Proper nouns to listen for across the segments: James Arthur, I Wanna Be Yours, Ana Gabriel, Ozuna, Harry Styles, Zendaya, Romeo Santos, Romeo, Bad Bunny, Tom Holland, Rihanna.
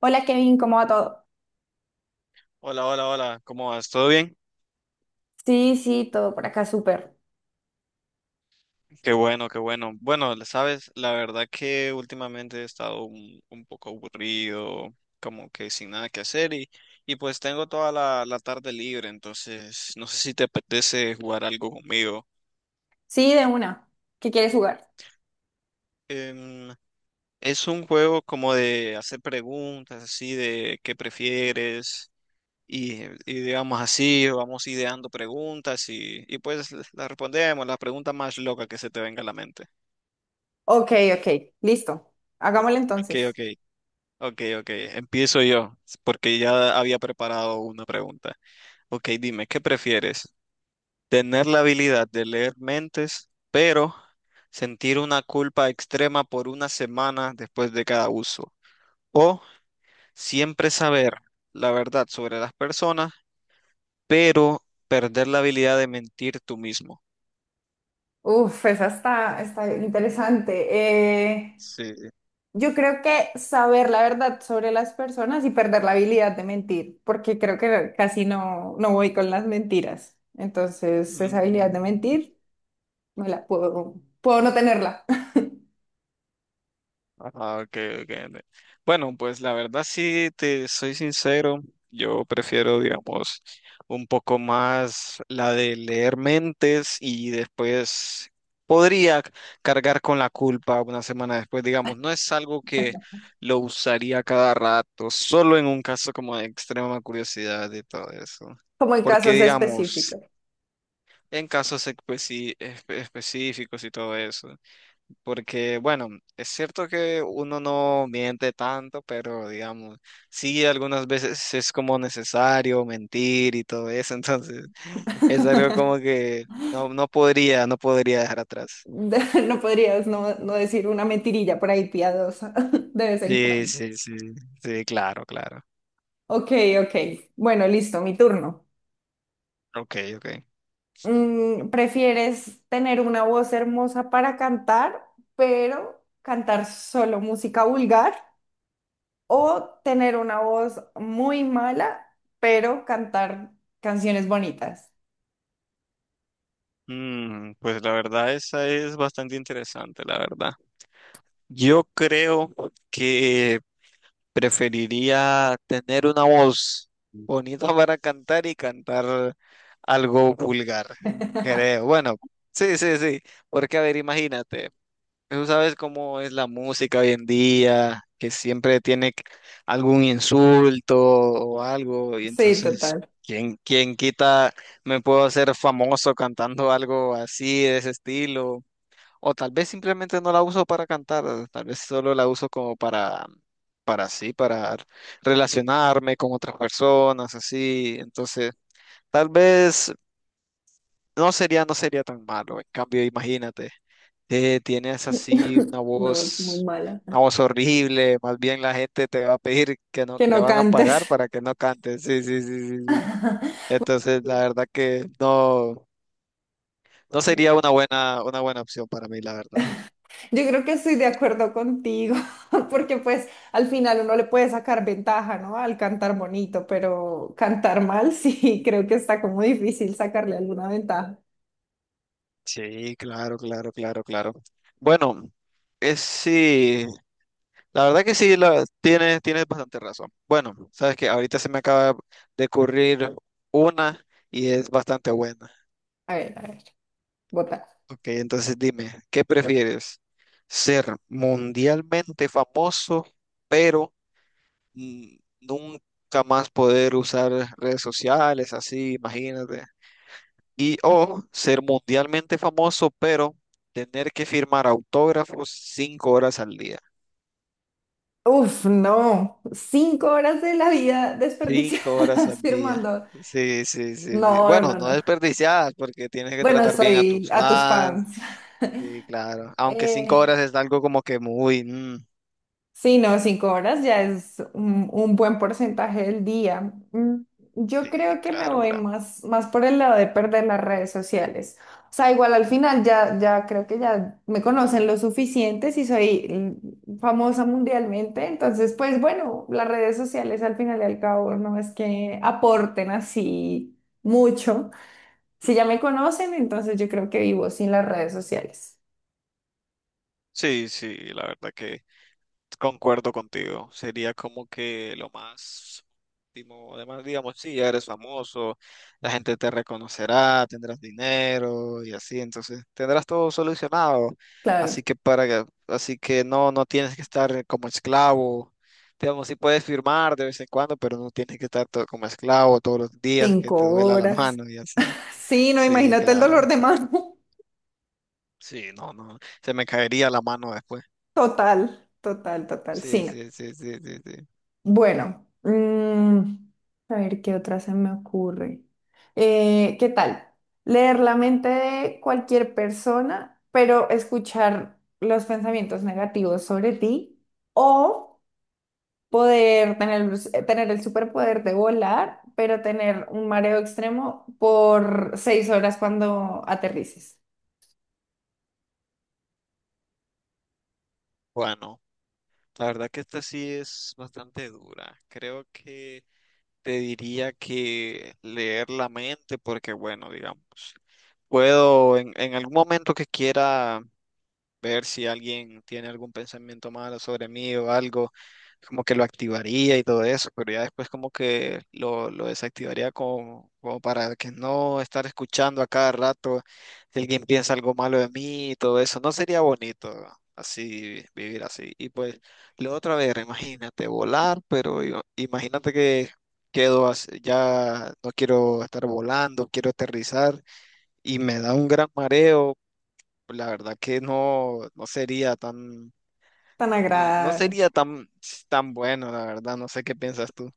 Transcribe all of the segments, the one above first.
Hola Kevin, ¿cómo va todo? Hola, hola, hola, ¿cómo vas? ¿Todo bien? Sí, sí, todo por acá, súper. Qué bueno, qué bueno. Bueno, sabes, la verdad que últimamente he estado un poco aburrido, como que sin nada que hacer y pues tengo toda la tarde libre, entonces no sé si te apetece jugar algo conmigo. Sí, de una. ¿Qué quieres jugar? Em, es un juego como de hacer preguntas, así de qué prefieres y digamos así, vamos ideando preguntas y pues las respondemos, la pregunta más loca que se te venga a la mente. Ok, ok, listo. Hagámoslo Ok, entonces. ok. Ok, ok, empiezo yo, porque ya había preparado una pregunta. Ok, dime, ¿qué prefieres? ¿Tener la habilidad de leer mentes, pero sentir una culpa extrema por una semana después de cada uso? ¿O siempre saber la verdad sobre las personas, pero perder la habilidad de mentir tú mismo? Uf, esa está interesante. Eh, Sí. yo creo que saber la verdad sobre las personas y perder la habilidad de mentir, porque creo que casi no, no voy con las mentiras. Entonces, esa habilidad Mm. de mentir, me la puedo, puedo no tenerla, Ah, ok, ok, bueno, pues la verdad sí, te soy sincero, yo prefiero, digamos, un poco más la de leer mentes y después podría c- cargar con la culpa una semana después, digamos, no es algo que lo usaría cada rato, solo en un caso como de extrema curiosidad y todo eso. como en Porque, casos digamos, específicos. en específicos y todo eso. Porque, bueno, es cierto que uno no miente tanto, pero digamos, sí, algunas veces es como necesario mentir y todo eso, entonces es algo como que no, no podría, no podría dejar atrás. No podrías no, no decir una mentirilla por ahí piadosa de vez en Sí, cuando. sí, sí, sí, claro, claro. Ok, ok. Bueno, listo, mi turno. Ok, ok. ¿Prefieres tener una voz hermosa para cantar, pero cantar solo música vulgar? ¿O tener una voz muy mala, pero cantar canciones bonitas? Mm, pues la verdad, esa es bastante interesante, la verdad. Yo creo que preferiría tener una voz bonita para cantar y cantar algo vulgar, creo. Bueno, sí, sí, sí, porque a ver, imagínate, tú sabes cómo es la música hoy en día, que siempre algún insulto o algo, y Sí, entonces, total. ¿Quién quita me puedo hacer famoso cantando algo así, de ese estilo? O tal vez simplemente no la uso para cantar, tal vez solo la uso como para así, para relacionarme con otras personas, así. Entonces, tal vez no sería tan malo. En cambio, imagínate, tienes así una Una voz muy mala. una voz horrible, más bien la gente te va a pedir que no, Que te no van a cantes. pagar para que no cantes. Sí, sí, sí, sí, sí. Entonces, la verdad que no, no sería una una buena opción para mí, la verdad. Yo creo que estoy de acuerdo contigo, porque pues al final uno le puede sacar ventaja, ¿no? Al cantar bonito, pero cantar mal, sí, creo que está como difícil sacarle alguna ventaja. Sí, claro, claro, claro, claro. Bueno, es sí, la verdad que sí, la, tienes, tienes bastante razón. Bueno, sabes que ahorita se me acaba de ocurrir una y es bastante buena. A ver, votar. Ok, entonces dime, ¿qué prefieres? ¿Ser mundialmente famoso, pero nunca más poder usar redes sociales, así, imagínate? Y o ser mundialmente famoso, pero tener que firmar autógrafos cinco horas al día. Uf, no, cinco horas de la vida Cinco horas desperdiciadas al día. firmando. Sí, sí, sí, sí. No, Bueno, no, no no. desperdiciadas porque tienes que Bueno, tratar bien a soy tus a tus fans. fans. Sí, claro. Aunque cinco Eh, horas es algo como que muy... Sí, no, 5 horas ya es un buen porcentaje del día. Yo sí, creo que me claro, voy claro. más por el lado de perder las redes sociales. O sea, igual al final ya, ya creo que ya me conocen lo suficiente si soy famosa mundialmente. Entonces, pues bueno, las redes sociales al final y al cabo no es que aporten así mucho. Si ya me conocen, entonces yo creo que vivo sin las redes sociales. Sí, sí, la verdad que... Concuerdo contigo, sería como que lo más óptimo. Además, digamos, sí, ya eres famoso, la gente te reconocerá, tendrás dinero y así, entonces tendrás todo solucionado. Claro, Así que para que, así que no, no tienes que estar como esclavo. Digamos, sí puedes firmar de vez en cuando, pero no tienes que como esclavo todos los días que te cinco duela la horas. mano y así. Sí, no, Sí, imagínate el claro. dolor de mano. Sí, no, no, se me caería la mano después. Total, total, total. Sí, Sí, no. sí, sí, sí, sí, sí. Bueno, a ver qué otra se me ocurre. ¿Qué tal? Leer la mente de cualquier persona, pero escuchar los pensamientos negativos sobre ti, o poder tener el superpoder de volar, pero tener un mareo extremo por 6 horas cuando aterrices. Bueno. La verdad que esta sí es bastante dura. Creo que te diría que leer la mente, porque bueno, digamos, puedo en algún momento que quiera ver si alguien tiene algún pensamiento malo sobre mí o algo, como que lo activaría y todo eso, pero ya después como que lo desactivaría como, como para que no estar escuchando a cada rato si alguien piensa algo malo de mí y todo eso, no sería bonito así vivir así. Y pues lo otra vez, imagínate volar, pero imagínate que quedo así, ya no quiero estar volando, quiero aterrizar y me da un gran mareo pues la verdad que Tan no agradable. sería tan, tan bueno, la verdad, no sé qué piensas tú.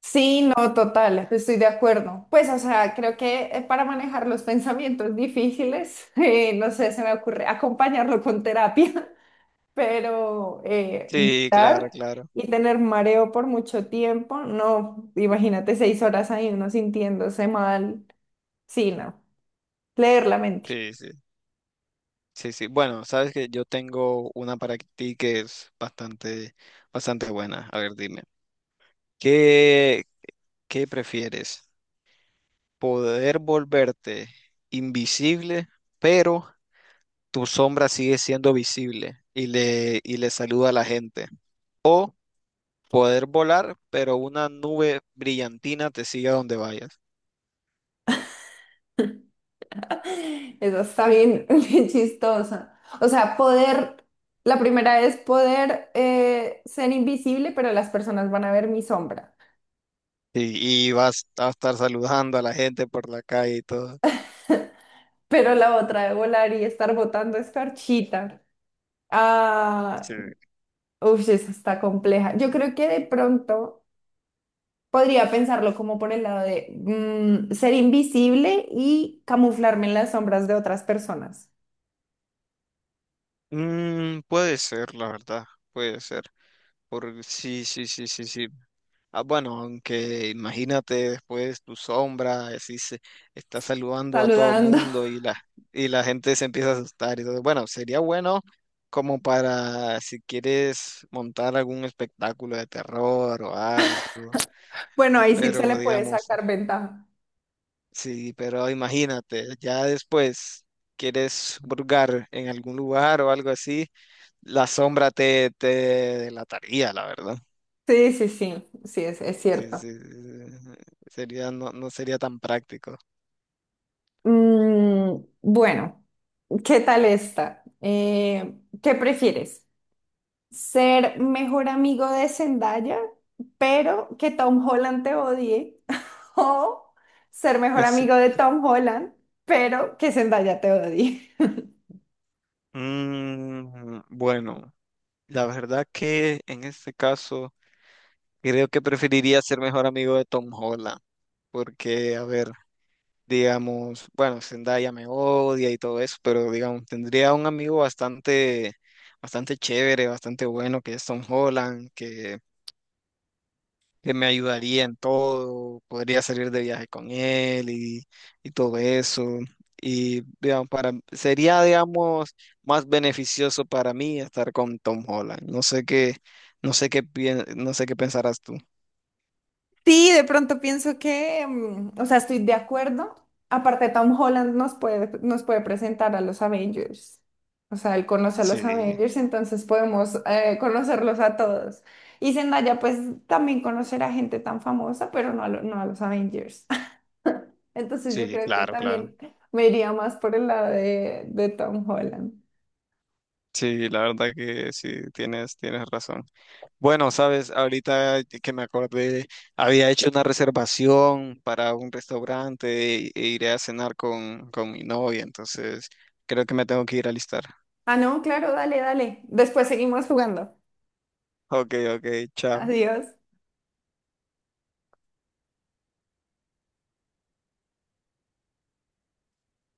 Sí, no, total, estoy de acuerdo. Pues, o sea, creo que para manejar los pensamientos difíciles, no sé, se me ocurre acompañarlo con terapia, pero Sí, claro, vomitar claro. y tener mareo por mucho tiempo, no, imagínate 6 horas ahí uno sintiéndose mal, sí, no, leer la mente. Sí, sí. Sí, sí. Bueno, sabes que yo tengo una para ti que es bastante, bastante buena. A ver, dime. ¿Qué, ¿qué prefieres? ¿Poder volverte invisible, pero tu sombra sigue siendo visible y y le saluda a la gente? Poder volar, pero una nube brillantina te sigue a donde vayas. Eso está bien, bien chistosa. O sea, poder, la primera es poder ser invisible, pero las personas van a ver mi sombra. Y vas a estar saludando a la gente por la calle y todo. Pero la otra de volar y estar botando escarchita. Ah, Sí. uff, esa está compleja. Yo creo que de pronto podría pensarlo como por el lado de ser invisible y camuflarme en las sombras de otras personas. Mm, puede ser, la verdad, puede ser. Por, sí, sí, sí, sí, sí. Ah, bueno, aunque imagínate después tu sombra, así se está saludando a todo Saludando. mundo y y la gente se empieza a asustar. Y todo. Bueno, sería bueno como para si quieres montar algún espectáculo de terror o algo. Bueno, ahí sí se le Pero puede digamos, sacar ventaja. sí, pero imagínate, ya después quieres hurgar en algún lugar o algo así, la sombra te delataría, la verdad. Sí, sí, sí, sí, es Sí, cierto. sí, sí, sí. Sería, no, no sería tan práctico. Mm, bueno, ¿qué tal esta? ¿Qué prefieres? ¿Ser mejor amigo de Zendaya, pero que Tom Holland te odie, o ser mejor amigo de Tom Holland, pero que Zendaya te odie? Sí. Mm, bueno, la verdad que en este caso creo que preferiría ser mejor amigo de Tom Holland, porque, a ver, digamos, bueno, Zendaya me odia y todo eso, pero digamos, tendría un amigo bastante, bastante chévere, bastante bueno, que es Tom Holland, que me ayudaría en todo, podría salir de viaje con él y todo eso. Y digamos, para, sería, digamos, más beneficioso para mí estar con Tom Holland. No sé qué, no sé qué, no sé qué pensarás tú. Sí, de pronto pienso que, mm, o sea, estoy de acuerdo. Aparte, Tom Holland nos puede presentar a los Avengers. O sea, él conoce a los Sí, Avengers, entonces podemos conocerlos a todos. Y Zendaya, pues, también conocerá gente tan famosa, pero no a lo- no a los Avengers. Entonces yo sí, creo que claro, claro. también me iría más por el lado de Tom Holland. Sí, la verdad que sí, tienes, tienes razón. Bueno, sabes, ahorita que me acordé, había hecho una reservación para un restaurante e iré a cenar con mi novia, entonces creo que me tengo que ir a alistar. Ah, no, claro, dale, dale. Después seguimos jugando. Ok, ok, chao. Adiós.